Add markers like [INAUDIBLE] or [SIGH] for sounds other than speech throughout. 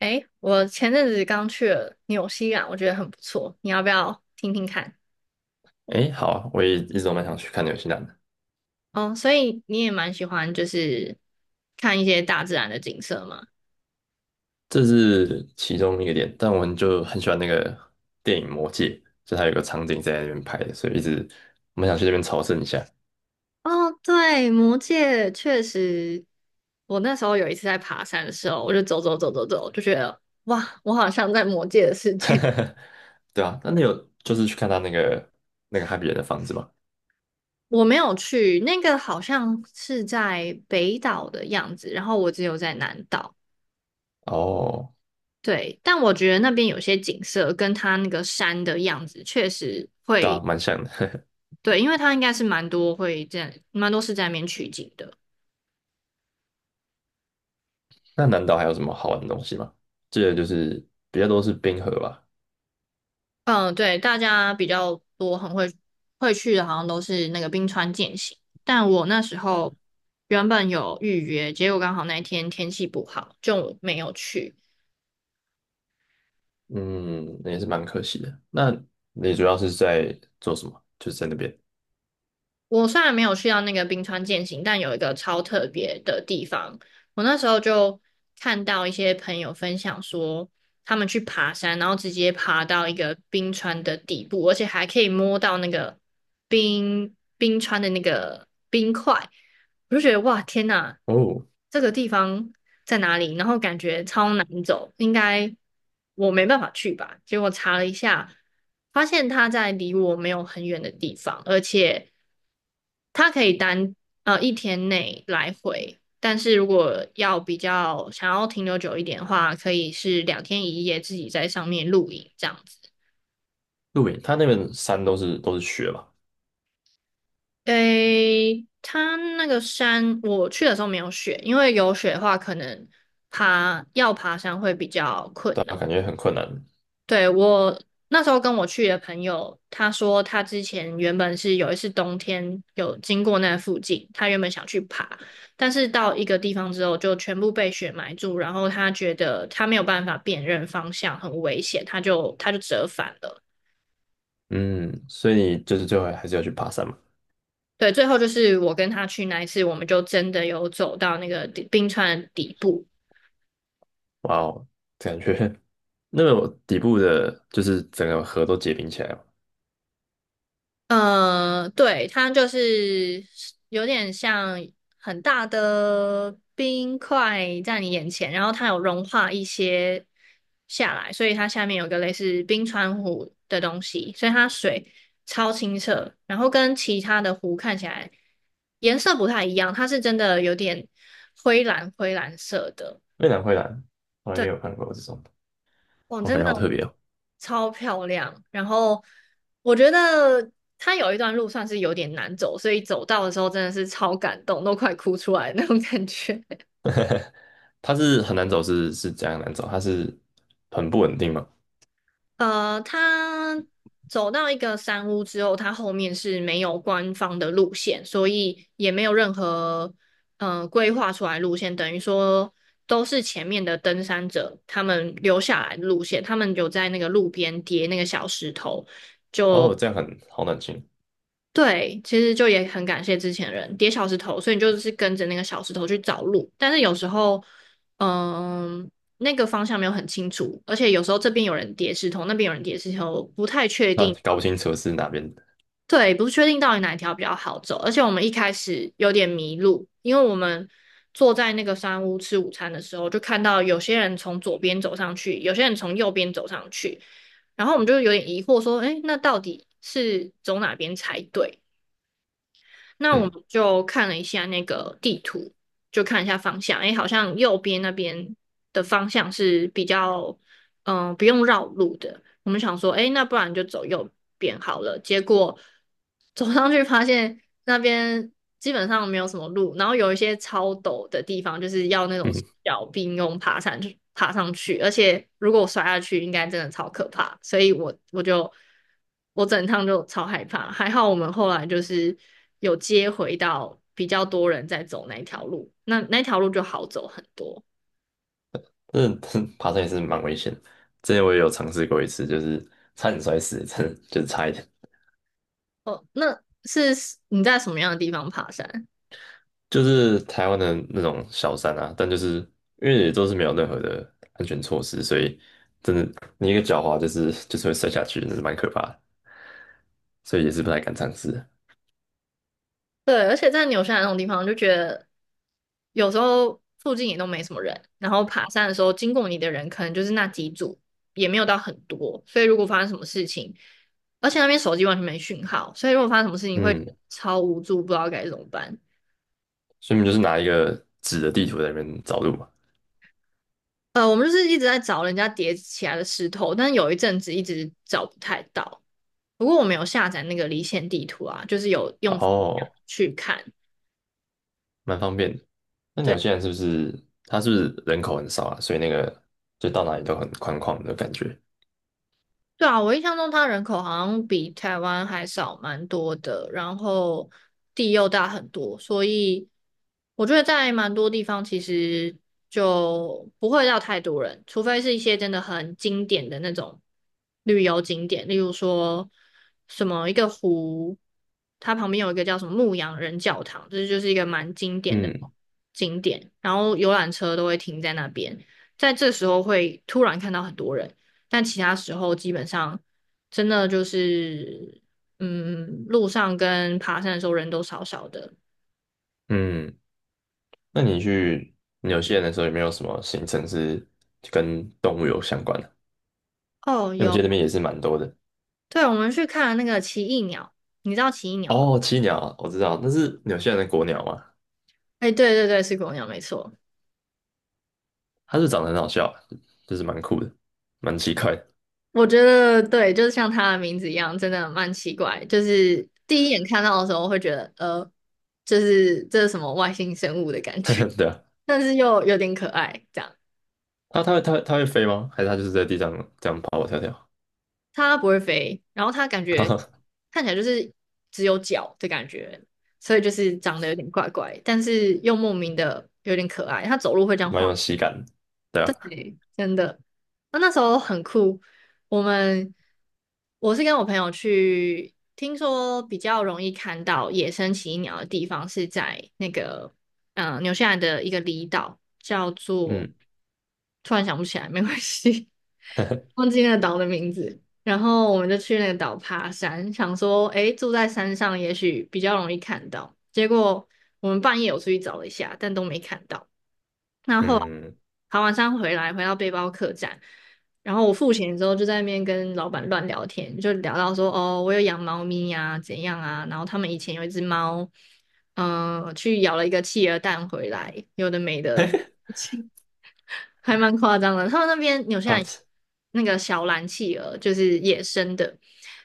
诶，我前阵子刚去了纽西兰，我觉得很不错，你要不要听听看？诶，好啊，我也一直都蛮想去看纽西兰的，哦，所以你也蛮喜欢看一些大自然的景色吗？这是其中一个点。但我们就很喜欢那个电影《魔戒》，就它有个场景在那边拍的，所以一直我们想去那边朝圣一下。哦，对，魔界确实，我那时候有一次在爬山的时候，我就走走走走走，就觉得哇，我好像在魔界的世界。[LAUGHS] [LAUGHS] 对啊，那你有就是去看他那个哈比人的房子吗？我没有去，那个好像是在北岛的样子，然后我只有在南岛。哦，对，但我觉得那边有些景色跟它那个山的样子确实对啊，会，蛮像的。[LAUGHS] 对，因为它应该是蛮多会在蛮多是在那边取景的。那南岛还有什么好玩的东西吗？这个就是比较多是冰河吧。嗯，对，大家比较多会去的，好像都是那个冰川健行。但我那时候原本有预约，结果刚好那一天天气不好，就没有去。嗯，那也是蛮可惜的。那你主要是在做什么？就是在那边我虽然没有去到那个冰川健行，但有一个超特别的地方，我那时候就看到一些朋友分享说，他们去爬山，然后直接爬到一个冰川的底部，而且还可以摸到那个冰川的那个冰块，我就觉得哇，天呐，哦，这个地方在哪里？然后感觉超难走，应该我没办法去吧。结果查了一下，发现它在离我没有很远的地方，而且它可以单一天内来回，但是如果要比较想要停留久一点的话，可以是两天一夜自己在上面露营这样子。露营，它那边山都是雪嘛。诶，它那个山我去的时候没有雪，因为有雪的话，可能要爬山会比较困对难。啊，感觉很困难。对，我那时候跟我去的朋友，他说他之前原本是有一次冬天有经过那附近，他原本想去爬，但是到一个地方之后就全部被雪埋住，然后他觉得他没有办法辨认方向，很危险，他就折返了。嗯，所以你就是最后还是要去爬山嘛？对，最后就是我跟他去那一次，我们就真的有走到那个冰川的底部。哇哦，感觉 [LAUGHS] 那个底部的，就是整个河都结冰起来了。呃，对，它就是有点像很大的冰块在你眼前，然后它有融化一些下来，所以它下面有个类似冰川湖的东西，所以它水超清澈，然后跟其他的湖看起来颜色不太一样，它是真的有点灰蓝灰蓝色的。蔚蓝灰蓝，从来没对，有看过这种，我我真感觉好的。特别哦。超漂亮。然后我觉得它有一段路算是有点难走，所以走到的时候真的是超感动，都快哭出来的那种感觉。[LAUGHS] 它是很难走是，是怎样难走？它是很不稳定嘛？呃，它走到一个山屋之后，它后面是没有官方的路线，所以也没有任何规划出来路线，等于说。都是前面的登山者，他们留下来的路线，他们有在那个路边叠那个小石头，就哦，这样很好冷清。对，其实就也很感谢之前的人叠小石头，所以你就是跟着那个小石头去找路。但是有时候，嗯，那个方向没有很清楚，而且有时候这边有人叠石头，那边有人叠石头，不太确那定到搞不清楚是哪边的。对，不确定到底哪一条比较好走。而且我们一开始有点迷路，因为我们坐在那个山屋吃午餐的时候，就看到有些人从左边走上去，有些人从右边走上去，然后我们就有点疑惑说，哎，那到底是走哪边才对？那我们嗯就看了一下那个地图，就看一下方向，诶，好像右边那边的方向是比较，嗯、不用绕路的。我们想说，哎，那不然就走右边好了。结果走上去发现那边基本上没有什么路，然后有一些超陡的地方，就是要那种嗯，小并用爬山去爬上去，而且如果我摔下去，应该真的超可怕。所以我我整趟就超害怕，还好我们后来就是有接回到比较多人在走那一条路，那那条路就好走很多。[LAUGHS] 这这爬山也是蛮危险的。之前我也有尝试过一次，就是差点摔死，真的就是差一点。哦，那是你在什么样的地方爬山？就是台湾的那种小山啊，但就是因为也都是没有任何的安全措施，所以真的你一个狡猾就是会摔下去，那是蛮可怕的，所以也是不太敢尝试。对，而且在纽西兰那种地方，就觉得有时候附近也都没什么人，然后爬山的时候经过你的人可能就是那几组，也没有到很多，所以如果发生什么事情，而且那边手机完全没讯号，所以如果发生什么事情会嗯，超无助，不知道该怎么办。所以你就是拿一个纸的地图在那边找路嘛，呃，我们就是一直在找人家叠起来的石头，但是有一阵子一直找不太到。不过我们有下载那个离线地图啊，就是有然用后去看。蛮方便的。那纽对。西兰是不是它人口很少啊？所以那个就到哪里都很宽旷的感觉。对啊，我印象中它人口好像比台湾还少蛮多的，然后地又大很多，所以我觉得在蛮多地方其实就不会到太多人，除非是一些真的很经典的那种旅游景点，例如说什么一个湖，它旁边有一个叫什么牧羊人教堂，这就是一个蛮经典的嗯景点，然后游览车都会停在那边，在这时候会突然看到很多人。但其他时候基本上真的就是，嗯，路上跟爬山的时候人都少少的。嗯，那你去纽西兰的时候有没有什么行程是跟动物有相关的？哦，因为我记有，得那边也是蛮多的。对，我们去看了那个奇异鸟，你知道奇异鸟吗？哦，栖鸟啊我知道，那是纽西兰的国鸟嘛，哎，对对对，是国鸟，没错。它是长得很好笑，就是蛮酷的，蛮奇怪的，我觉得对，就是像它的名字一样，真的蛮奇怪。就是第一眼看到的时候会觉得，就是这是什么外星生物的感觉，[LAUGHS] 对啊，[LAUGHS] 但是又有点可爱，这样。它会飞吗？还是它就是在地上这样跑跑跳跳，它不会飞，然后它感觉 [LAUGHS] 看起来就是只有脚的感觉，所以就是长得有点怪怪，但是又莫名的有点可爱。它走路会这样蛮晃有喜感的，对啊，真的，那那时候很酷。我们我是跟我朋友去，听说比较容易看到野生奇异鸟的地方是在那个纽西兰的一个离岛，叫做嗯 突然想不起来，没关系，[LAUGHS] 忘 [LAUGHS] 记那个岛的名字。然后我们就去那个岛爬山，想说诶，住在山上也许比较容易看到。结果我们半夜有出去找了一下，但都没看到。然后嗯，爬完山回来，回到背包客栈，然后我付钱之后就在那边跟老板乱聊天，就聊到说哦，我有养猫咪呀，怎样啊，然后他们以前有一只猫，去咬了一个企鹅蛋回来，有的没的，[LAUGHS] [LAUGHS] 还蛮夸张的。他们那边纽西好兰那个小蓝企鹅就是野生的，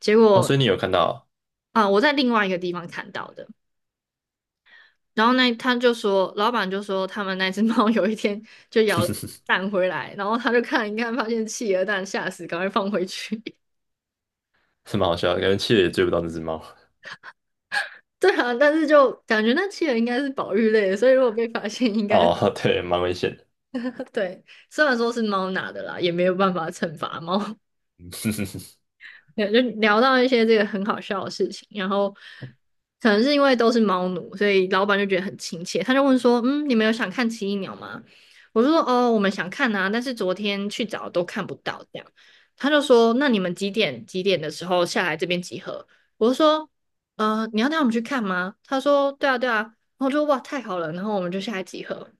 结哦，果所以你有看到哦，啊、我在另外一个地方看到的。然后他就说，老板就说他们那只猫有一天就咬了蛋回来，然后他就看一看，发现企鹅蛋，吓死，赶快放回去。[LAUGHS] 是蛮好笑的，感觉企鹅也追不到那只猫，对啊，但是就感觉那企鹅应该是保育类的，所以如果被发现，应该 哦，[LAUGHS] 对，蛮危险的，[LAUGHS] 对。虽然说是猫拿的啦，也没有办法惩罚猫。[LAUGHS] 对，就聊到一些这个很好笑的事情，然后可能是因为都是猫奴，所以老板就觉得很亲切，他就问说：“嗯，你们有想看奇异鸟吗？”我就说：“哦，我们想看啊，但是昨天去找都看不到。”这样，他就说：“那你们几点几点的时候下来这边集合？”我就说：你要带我们去看吗？”他说：“对啊，对啊。”然后我就哇，太好了，然后我们就下来集合。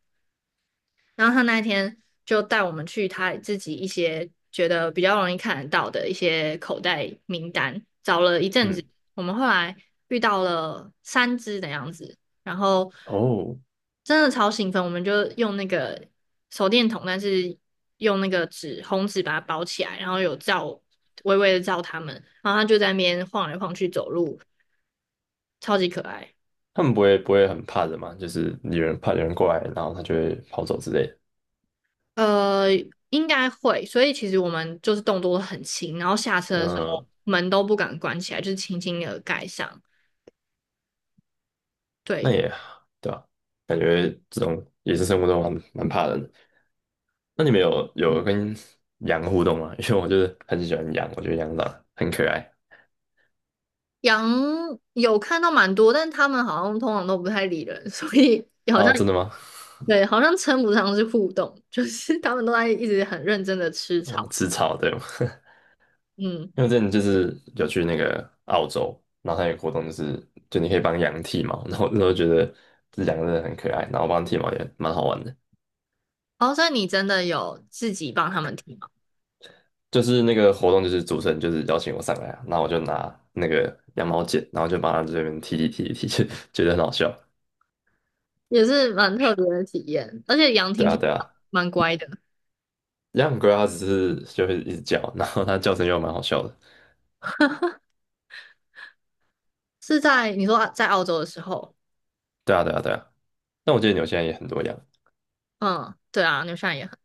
然后他那一天就带我们去他自己一些觉得比较容易看得到的一些口袋名单，找了一阵子，嗯，我们后来遇到了三只的样子，然后哦，真的超兴奋，我们就用那个手电筒，但是用那个红纸把它包起来，然后微微的照它们，然后它就在那边晃来晃去走路，超级可爱。他们不会很怕人嘛，就是有人怕有人过来，然后它就会跑走之类的，呃，应该会，所以其实我们就是动作都很轻，然后下车的时候嗯，门都不敢关起来，就是轻轻的盖上。那对，也对吧、感觉这种也是生活中蛮怕人的。那你们有跟羊互动吗？[LAUGHS] 因为我就是很喜欢羊，我觉得羊长得很可爱。羊有看到蛮多，但他们好像通常都不太理人，[LAUGHS] 所以好像哦，真的吗？对，好像称不上是互动，[LAUGHS] 就是他们都在一直很认真的吃草。哦，吃草对吗？[LAUGHS] 嗯，因为我之前就是有去那个澳洲，然后它有个活动就是就你可以帮羊剃毛，然后那时候觉得这羊真的很可爱，然后帮它剃毛也蛮好玩的。哦，所以你真的有自己帮他们听吗？就是那个活动，就是主持人就是邀请我上来啊，然后我就拿那个羊毛剪，然后就帮它这边剃剃剃剃，[LAUGHS] 就觉得很好笑。也是蛮特别的体验，而且羊对听起啊，来对啊，蛮乖的，养龟它只是就会一直叫，然后它叫声又蛮好笑的。是在你说在澳洲的时候，对啊，对啊，对啊。但我记得纽现在也很多羊。嗯，对啊，牛西兰也很。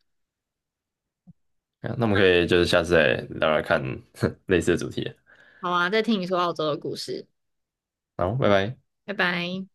啊那我们可以就是下次再聊聊看 [LAUGHS] 类似的主题。好啊，再听你说澳洲的故事，好，拜拜。拜拜。